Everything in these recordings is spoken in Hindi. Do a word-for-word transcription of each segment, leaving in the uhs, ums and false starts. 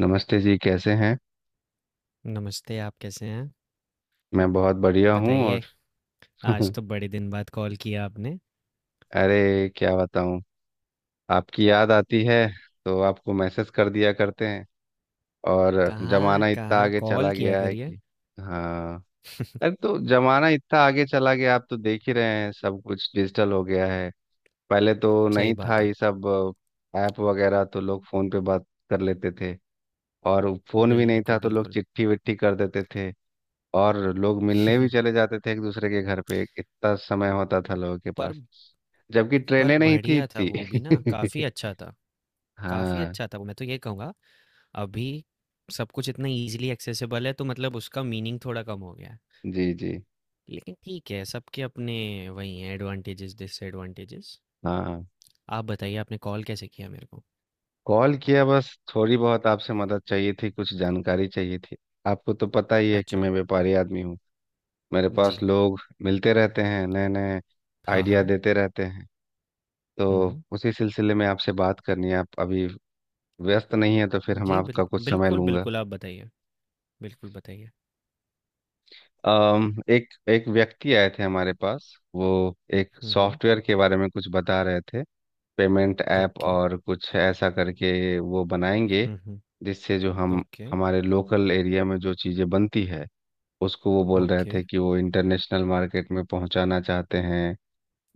नमस्ते जी, कैसे हैं? नमस्ते, आप कैसे हैं? मैं बहुत बढ़िया हूँ और बताइए, आज तो बड़े दिन बाद कॉल किया आपने। अरे क्या बताऊँ, आपकी याद आती है तो आपको मैसेज कर दिया करते हैं। और कहाँ, जमाना इतना कहाँ आगे कॉल चला किया गया है करिए। कि। हाँ। अरे तो जमाना इतना आगे चला गया, आप तो देख ही रहे हैं, सब कुछ डिजिटल हो गया है। पहले तो सही नहीं था बात है। ये सब। ऐप वगैरह तो लोग फोन पे बात कर लेते थे। और फोन भी नहीं था बिल्कुल, तो लोग बिल्कुल। चिट्ठी विट्ठी कर देते थे। और लोग मिलने भी चले जाते थे एक दूसरे के घर पे, इतना समय होता था लोगों के पर पास। जबकि पर ट्रेनें नहीं थी बढ़िया था इतनी। वो भी ना, काफ़ी अच्छा था। काफ़ी हाँ। अच्छा था वो, मैं तो ये कहूँगा, अभी सब कुछ इतना ईज़िली एक्सेसिबल है, तो मतलब उसका मीनिंग थोड़ा कम हो गया है। जी जी। लेकिन ठीक है, सबके अपने वही हैं एडवांटेजेस, डिसएडवांटेजेस। हाँ, आप बताइए, आपने कॉल कैसे किया मेरे को? कॉल किया बस। थोड़ी बहुत आपसे मदद चाहिए थी, कुछ जानकारी चाहिए थी। आपको तो पता ही है कि अच्छा। मैं व्यापारी आदमी हूँ। मेरे पास जी। लोग मिलते रहते हैं नए नए, हाँ, आइडिया हाँ। देते रहते हैं। तो हुँ। उसी सिलसिले में आपसे बात करनी है। आप अभी व्यस्त नहीं है तो फिर हम जी, बिल आपका कुछ समय बिल्कुल, लूंगा। बिल्कुल, आप बताइए। बिल्कुल बताइए। अम, एक एक व्यक्ति आए थे हमारे पास। वो एक हुँ, हुँ। सॉफ्टवेयर के बारे में कुछ बता रहे थे। Payment app okay. और कुछ ऐसा करके वो बनाएंगे, हुँ, हुँ। जिससे जो हम, ओके, हमारे लोकल एरिया में जो चीज़ें बनती है, उसको वो बोल रहे ओके, थे कि वो इंटरनेशनल मार्केट में पहुंचाना चाहते हैं।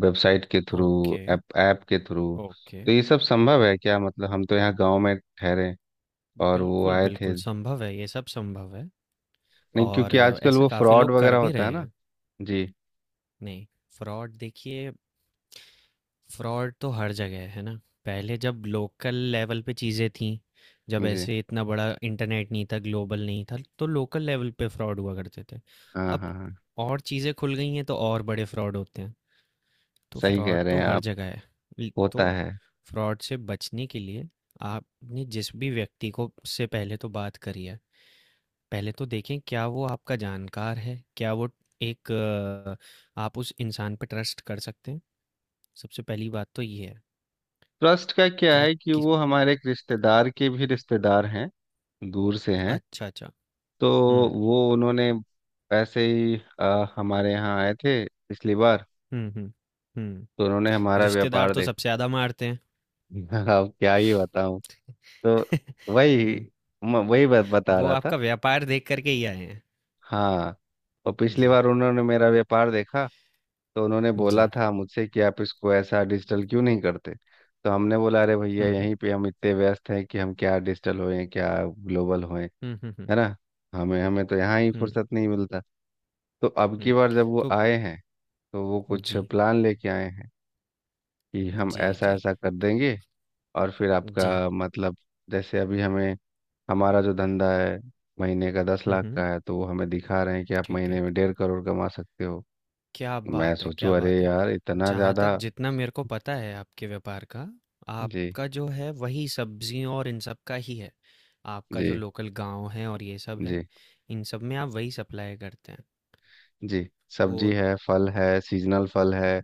वेबसाइट के थ्रू, ओके, ऐप ऐप के थ्रू। ओके। तो ये सब संभव है क्या? मतलब हम तो यहाँ गांव में ठहरे और वो बिल्कुल, आए थे। बिल्कुल संभव है, ये सब संभव है नहीं, और क्योंकि आजकल ऐसा वो काफ़ी फ्रॉड लोग कर वगैरह भी होता रहे है ना। हैं। जी। नहीं, फ्रॉड देखिए। फ्रॉड तो हर जगह है, है ना? पहले जब लोकल लेवल पे चीज़ें थीं, जब जी। ऐसे इतना बड़ा इंटरनेट नहीं था, ग्लोबल नहीं था, तो लोकल लेवल पे फ्रॉड हुआ करते थे। हाँ अब हाँ हाँ। और चीज़ें खुल गई हैं तो और बड़े फ्रॉड होते हैं। तो सही फ्रॉड कह रहे तो हैं हर आप। जगह है। ल- तो होता है। फ्रॉड से बचने के लिए आपने जिस भी व्यक्ति को से पहले तो बात करी है, पहले तो देखें क्या वो आपका जानकार है, क्या वो एक अ, आप उस इंसान पे ट्रस्ट कर सकते हैं। सबसे पहली बात तो ये है। ट्रस्ट का क्या क्या है कि कि वो हमारे एक रिश्तेदार के भी रिश्तेदार हैं, दूर से हैं। अच्छा अच्छा। तो हम्म वो उन्होंने ऐसे ही अ, हमारे यहाँ आए थे पिछली बार। हम्म। हम्म तो हम्म। उन्होंने हमारा रिश्तेदार व्यापार तो देखा। सबसे ज्यादा मारते हैं। अब क्या ही बताऊं। तो वही, हम्म, म- वही बात बता वो रहा था। आपका व्यापार देख करके ही आए हैं। हाँ। और पिछली जी बार उन्होंने मेरा व्यापार देखा, तो उन्होंने जी। बोला था मुझसे कि आप इसको ऐसा डिजिटल क्यों नहीं करते। तो हमने बोला अरे भैया हम्म हम्म। यहीं पे हम इतने व्यस्त हैं कि हम क्या डिजिटल होएं, क्या ग्लोबल होएं, हम्म हम्म। हम्म है ना। हमें हमें तो यहाँ ही हम्म, फुर्सत नहीं मिलता। तो अब की हम्म। बार जब वो तो आए हैं, तो वो कुछ जी, प्लान लेके आए हैं कि हम जी, ऐसा जी, ऐसा कर देंगे। और फिर जी। आपका मतलब, जैसे अभी हमें, हमारा जो धंधा है महीने का दस हुँ, लाख हुँ। का है, तो वो हमें दिखा रहे हैं कि आप ठीक है। महीने में डेढ़ करोड़ कमा सकते हो। क्या तो मैं बात है, क्या सोचूं अरे बात है। यार इतना जहाँ तक ज़्यादा। जितना मेरे को पता है आपके व्यापार का, जी। आपका जो है वही सब्ज़ियों और इन सब का ही है। आपका जो जी लोकल गाँव है और ये सब है, जी। इन सब में आप वही सप्लाई करते हैं। जी। तो सब्जी है, फल है, सीजनल फल है।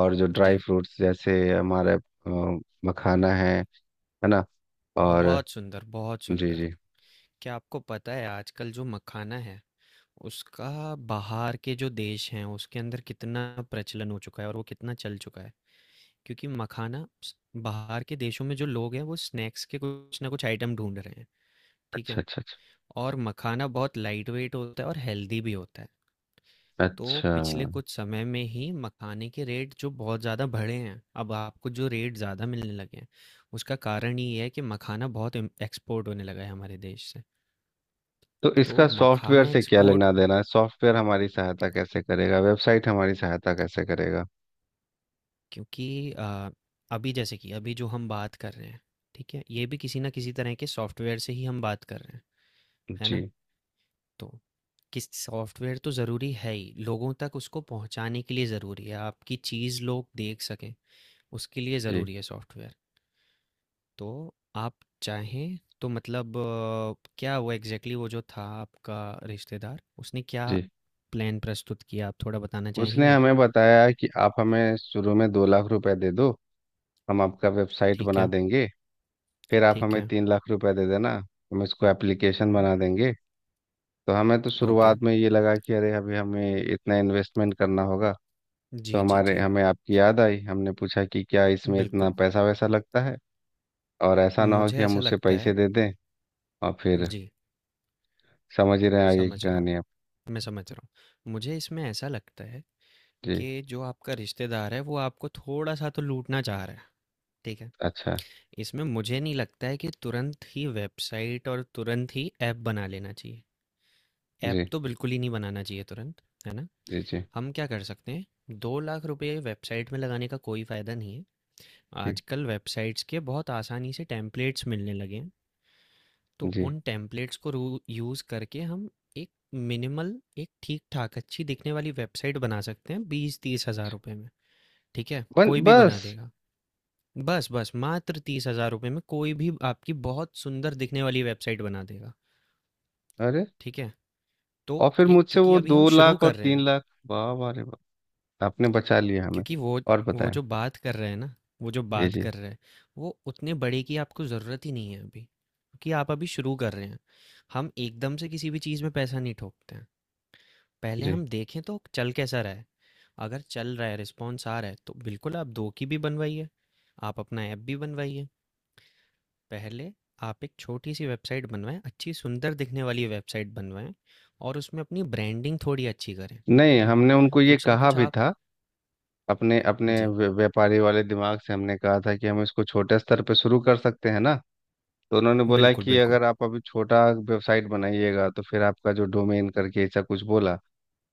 और जो ड्राई जी, फ्रूट्स जैसे हमारे अ, मखाना है है ना। और बहुत सुंदर, बहुत जी सुंदर। जी। क्या आपको पता है आजकल जो मखाना है, उसका बाहर के जो देश हैं उसके अंदर कितना प्रचलन हो चुका है और वो कितना चल चुका है? क्योंकि मखाना स- बाहर के देशों में जो लोग हैं वो स्नैक्स के कुछ ना कुछ आइटम ढूंढ रहे हैं, ठीक अच्छा है, अच्छा अच्छा। और मखाना बहुत लाइट वेट होता है और हेल्दी भी होता है। तो अच्छा पिछले कुछ समय में ही मखाने के रेट जो बहुत ज़्यादा बढ़े हैं, अब आपको जो रेट ज़्यादा मिलने लगे हैं, उसका कारण ये है कि मखाना बहुत एक्सपोर्ट होने लगा है हमारे देश से। तो तो इसका सॉफ्टवेयर मखाना से क्या एक्सपोर्ट, लेना देना है? सॉफ्टवेयर हमारी सहायता कैसे करेगा? वेबसाइट हमारी सहायता कैसे करेगा? क्योंकि अ, अभी जैसे कि अभी जो हम बात कर रहे हैं, ठीक है, ये भी किसी ना किसी तरह के सॉफ्टवेयर से ही हम बात कर रहे हैं, है ना? जी। तो किस सॉफ्टवेयर तो ज़रूरी है ही, लोगों तक उसको पहुँचाने के लिए ज़रूरी है, आपकी चीज़ लोग देख सकें, उसके लिए जी। ज़रूरी है सॉफ्टवेयर। तो आप चाहें तो मतलब अ, क्या वो एग्ज़ैक्टली वो जो था आपका रिश्तेदार, उसने क्या जी। प्लान प्रस्तुत किया? आप थोड़ा बताना उसने चाहेंगे? हमें बताया कि आप हमें शुरू में दो लाख रुपए दे दो, हम आपका वेबसाइट ठीक बना है, देंगे। फिर आप ठीक हमें है। तीन लाख रुपए दे देना, हम इसको एप्लीकेशन हुँ, बना देंगे। तो हमें तो ओके। शुरुआत में ये लगा कि अरे अभी हमें इतना इन्वेस्टमेंट करना होगा। तो जी, जी, हमारे जी। हमें आपकी याद आई। हमने पूछा कि क्या इसमें इतना बिल्कुल, पैसा वैसा लगता है, और ऐसा ना हो मुझे कि हम ऐसा उसे लगता है। पैसे दे दें, और फिर जी, समझ ही रहे हैं आगे की समझ रहा हूँ, कहानी आप। मैं समझ रहा हूँ। मुझे इसमें ऐसा लगता है जी। कि जो आपका रिश्तेदार है वो आपको थोड़ा सा तो लूटना चाह रहा है, ठीक है। अच्छा। इसमें मुझे नहीं लगता है कि तुरंत ही वेबसाइट और तुरंत ही ऐप बना लेना चाहिए। ऐप जी तो बिल्कुल ही नहीं बनाना चाहिए तुरंत, है ना? जी। जी हम क्या कर सकते हैं, दो लाख रुपए वेबसाइट में लगाने का कोई फ़ायदा नहीं है। जी। आजकल वेबसाइट्स के बहुत आसानी से टेम्पलेट्स मिलने लगे हैं। तो जी। उन टेम्पलेट्स को यूज़ करके हम एक मिनिमल एक ठीक ठाक अच्छी दिखने वाली वेबसाइट बना सकते हैं बीस तीस हज़ार रुपए में। ठीक है, बन कोई भी बना बस देगा। बस, बस मात्र तीस हज़ार रुपए में कोई भी आपकी बहुत सुंदर दिखने वाली वेबसाइट बना देगा, अरे, ठीक है? तो और फिर एक, मुझसे क्योंकि वो अभी हम दो शुरू लाख और कर रहे तीन हैं, लाख वाह वाह रे वाह! आपने बचा लिया हमें। क्योंकि वो और वो बताया। जो बात कर रहे हैं ना, वो जो जी बात जी कर रहे हैं, वो उतने बड़े की आपको ज़रूरत ही नहीं है अभी, क्योंकि आप अभी शुरू कर रहे हैं। हम एकदम से किसी भी चीज़ में पैसा नहीं ठोकते हैं, पहले जी। हम देखें तो चल कैसा रहा है। अगर चल रहा है, रिस्पॉन्स आ रहा है, तो बिल्कुल आप दो की भी बनवाइए, आप अपना ऐप भी बनवाइए। पहले आप एक छोटी-सी वेबसाइट बनवाएँ, अच्छी सुंदर दिखने वाली वेबसाइट बनवाएँ और उसमें अपनी ब्रांडिंग थोड़ी अच्छी करें। नहीं, हमने उनको ये कुछ ना कहा कुछ भी आप था, अपने अपने जी, व्य- व्यापारी वाले दिमाग से हमने कहा था कि हम इसको छोटे स्तर पे शुरू कर सकते हैं ना। तो उन्होंने बोला बिल्कुल, कि बिल्कुल। अगर आप अभी छोटा वेबसाइट बनाइएगा तो फिर आपका जो डोमेन करके ऐसा कुछ बोला,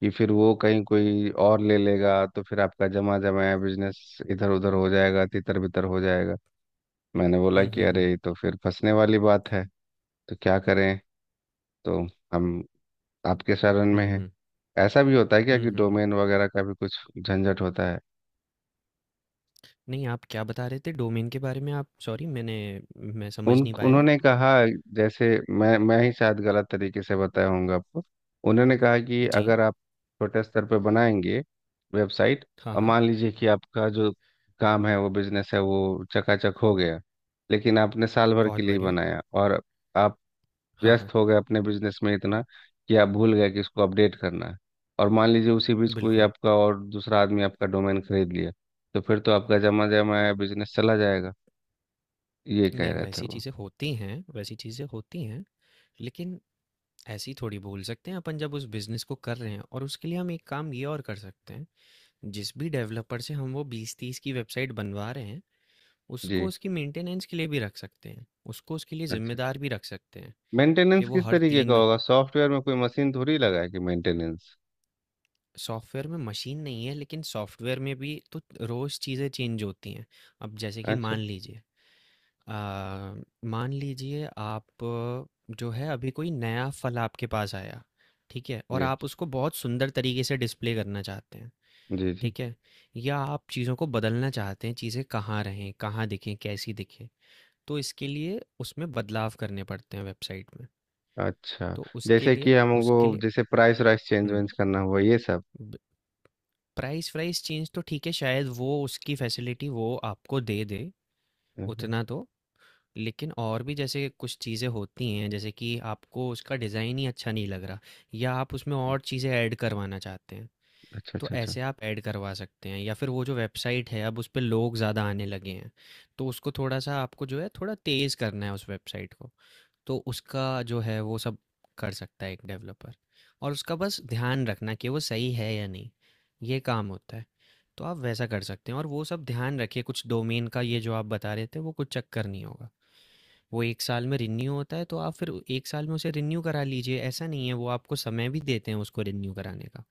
कि फिर वो कहीं कोई और ले लेगा तो फिर आपका जमा जमाया बिजनेस इधर उधर हो जाएगा, तितर बितर हो जाएगा। मैंने बोला हुँ, कि हुँ, अरे हुँ। ये तो फिर फंसने वाली बात है। तो क्या करें। तो हम आपके शरण में हुँ, हैं। हुँ। ऐसा भी होता है क्या हुँ, कि हुँ, हुँ। डोमेन वगैरह का भी कुछ झंझट होता है? नहीं, आप क्या बता रहे थे डोमेन के बारे में आप? सॉरी मैंने मैं समझ उन, नहीं पाया। उन्होंने कहा, जैसे, मैं मैं ही शायद गलत तरीके से बताया होऊंगा आपको। उन्होंने कहा कि जी। अगर आप छोटे स्तर पे बनाएंगे वेबसाइट, हाँ, और हाँ। मान लीजिए कि आपका जो काम है, वो बिजनेस है वो चकाचक हो गया, लेकिन आपने साल भर के बहुत लिए बढ़िया। बनाया, और आप हाँ, हाँ। व्यस्त हो गए अपने बिजनेस में इतना कि आप भूल गए कि इसको अपडेट करना है। और मान लीजिए उसी बीच कोई बिल्कुल। आपका और दूसरा आदमी आपका डोमेन खरीद लिया, तो फिर तो आपका जमा जमा बिजनेस चला जाएगा, ये कह नहीं, रहे थे वैसी वो। चीज़ें होती हैं, वैसी चीज़ें होती हैं, लेकिन ऐसी थोड़ी बोल सकते हैं अपन जब उस बिज़नेस को कर रहे हैं, और उसके लिए हम एक काम ये और कर सकते हैं। जिस भी डेवलपर से हम वो बीस तीस की वेबसाइट बनवा रहे हैं, उसको जी। उसकी मेंटेनेंस के लिए भी रख सकते हैं, उसको उसके लिए अच्छा। जिम्मेदार भी रख सकते हैं कि मेंटेनेंस वो किस हर तरीके तीन का होगा? महीने सॉफ्टवेयर में कोई मशीन थोड़ी लगा है कि मेंटेनेंस। सॉफ्टवेयर में मशीन नहीं है, लेकिन सॉफ्टवेयर में भी तो रोज़ चीज़ें चेंज होती हैं। अब जैसे कि अच्छा। मान लीजिए आ, मान लीजिए आप अ, जो है अभी कोई नया फल आपके पास आया, ठीक है, और जी आप उसको बहुत सुंदर तरीके से डिस्प्ले करना चाहते हैं, जी जी। ठीक है, या आप चीज़ों को बदलना चाहते हैं, चीज़ें कहाँ रहें, कहाँ दिखें, कैसी दिखें। तो इसके लिए उसमें बदलाव करने पड़ते हैं वेबसाइट में। अच्छा। तो उसके जैसे लिए कि हमको, उसके लिए जैसे प्राइस वाइस चेंज हम्म वेंज करना हुआ ये सब। प्राइस प्राइस चेंज तो ठीक है, शायद वो उसकी फैसिलिटी वो आपको दे दे हम्म। उतना तो। लेकिन और भी जैसे कुछ चीज़ें होती हैं जैसे कि आपको उसका डिज़ाइन ही अच्छा नहीं लग रहा, या आप उसमें हम्म। और चीज़ें ऐड करवाना चाहते हैं। अच्छा तो अच्छा अच्छा। ऐसे आप ऐड करवा सकते हैं, या फिर वो जो वेबसाइट है अब उस पे लोग ज़्यादा आने लगे हैं, तो उसको थोड़ा सा आपको जो है थोड़ा तेज़ करना है उस वेबसाइट को। तो उसका जो है वो सब कर सकता है एक डेवलपर, और उसका बस ध्यान रखना कि वो सही है या नहीं, ये काम होता है। तो आप वैसा कर सकते हैं, और वो सब ध्यान रखिए। कुछ डोमेन का ये जो आप बता रहे थे वो कुछ चक्कर नहीं होगा। वो एक साल में रिन्यू होता है, तो आप फिर एक साल में उसे रिन्यू करा लीजिए, ऐसा नहीं है, वो आपको समय भी देते हैं उसको रिन्यू कराने का।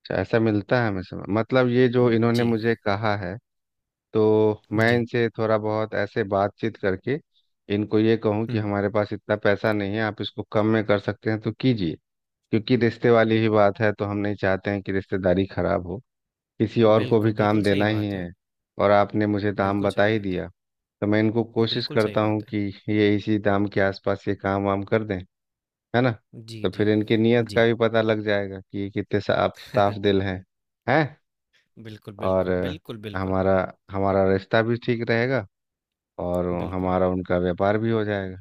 अच्छा, ऐसा मिलता है हमें, समझ, मतलब ये जो इन्होंने जी मुझे कहा है, तो मैं जी। इनसे थोड़ा बहुत ऐसे बातचीत करके इनको ये कहूँ कि हुँ। हमारे पास इतना पैसा नहीं है, आप इसको कम में कर सकते हैं तो कीजिए। क्योंकि रिश्ते वाली ही बात है, तो हम नहीं चाहते हैं कि रिश्तेदारी खराब हो। किसी और को बिल्कुल, भी काम बिल्कुल सही देना ही बात है। है। और आपने मुझे दाम बिल्कुल बता सही ही बात है। दिया, तो मैं इनको कोशिश बिल्कुल सही करता हूँ बात है। कि ये इसी दाम के आसपास ये काम वाम कर दें, है ना। जी, तो फिर जी। इनकी नीयत का जी। भी पता लग जाएगा कि ये कितने साफ साफ दिल हैं। हैं। बिल्कुल, और बिल्कुल, अ, बिल्कुल, बिल्कुल, हमारा, हमारा रिश्ता भी ठीक रहेगा, और बिल्कुल। हमारा उनका व्यापार भी हो जाएगा।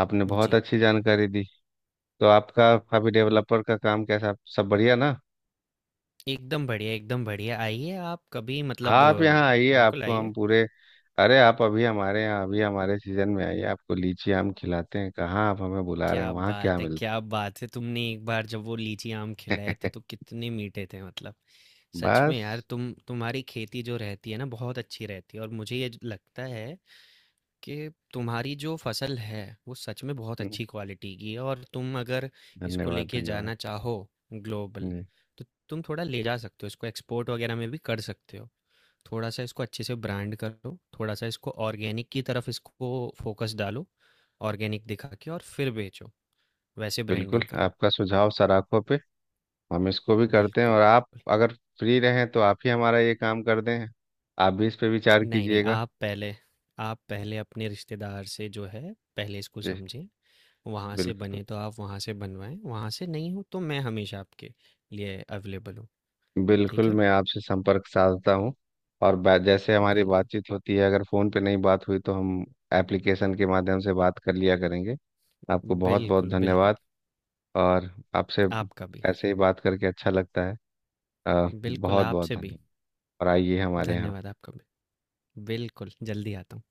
आपने बहुत जी। अच्छी जानकारी दी। तो आपका अभी उम, डेवलपर का काम कैसा, सब बढ़िया ना। एकदम बढ़िया, एकदम बढ़िया। आइए आप कभी मतलब आप अ, यहाँ आइए, बिल्कुल आपको हम आइए। पूरे। अरे आप अभी हमारे यहाँ, अभी हमारे सीजन में आइए, आपको लीची आम खिलाते हैं। कहाँ आप हमें बुला रहे हैं, क्या वहाँ क्या बात है, मिलता क्या बात है! तुमने एक बार जब वो लीची आम खिलाए थे है। तो कितने मीठे थे मतलब। सच में यार बस। तुम तुम्हारी खेती जो रहती है ना बहुत अच्छी रहती है, और मुझे ये ज लगता है कि तुम्हारी जो फसल है वो सच में बहुत हम्म, अच्छी क्वालिटी की है, और तुम अगर इसको धन्यवाद लेके धन्यवाद। जाना चाहो ग्लोबल, जी। तो तुम थोड़ा ले जा सकते हो, इसको एक्सपोर्ट वगैरह में भी कर सकते हो। थोड़ा सा इसको अच्छे से ब्रांड करो, थोड़ा सा इसको ऑर्गेनिक की तरफ इसको फोकस डालो, ऑर्गेनिक दिखा के और फिर बेचो, वैसे बिल्कुल, ब्रांडिंग करो। आपका सुझाव सराखों पे। हम इसको भी करते हैं, बिल्कुल। और आप अगर फ्री रहें तो आप ही हमारा ये काम कर दें, आप भी इस पे विचार नहीं नहीं, कीजिएगा। आप पहले, आप पहले अपने रिश्तेदार से जो है पहले इसको जी। समझें। वहाँ से बिल्कुल। बने तो आप वहाँ से बनवाएँ, वहाँ से नहीं हो तो मैं हमेशा आपके लिए अवेलेबल हूँ, ठीक बिल्कुल है? मैं आपसे संपर्क साधता हूँ। और बा- जैसे हमारी बिल्कुल, बातचीत होती है, अगर फ़ोन पे नहीं बात हुई तो हम एप्लीकेशन के माध्यम से बात कर लिया करेंगे। आपको बहुत बहुत बिल्कुल, बिल्कुल। धन्यवाद। और आपसे आपका भी, ऐसे ही बात करके अच्छा लगता है। अ, बिल्कुल बहुत बहुत आपसे भी, धन्यवाद। और आइए हमारे यहाँ। धन्यवाद आपका भी। बिल्कुल, जल्दी आता हूँ।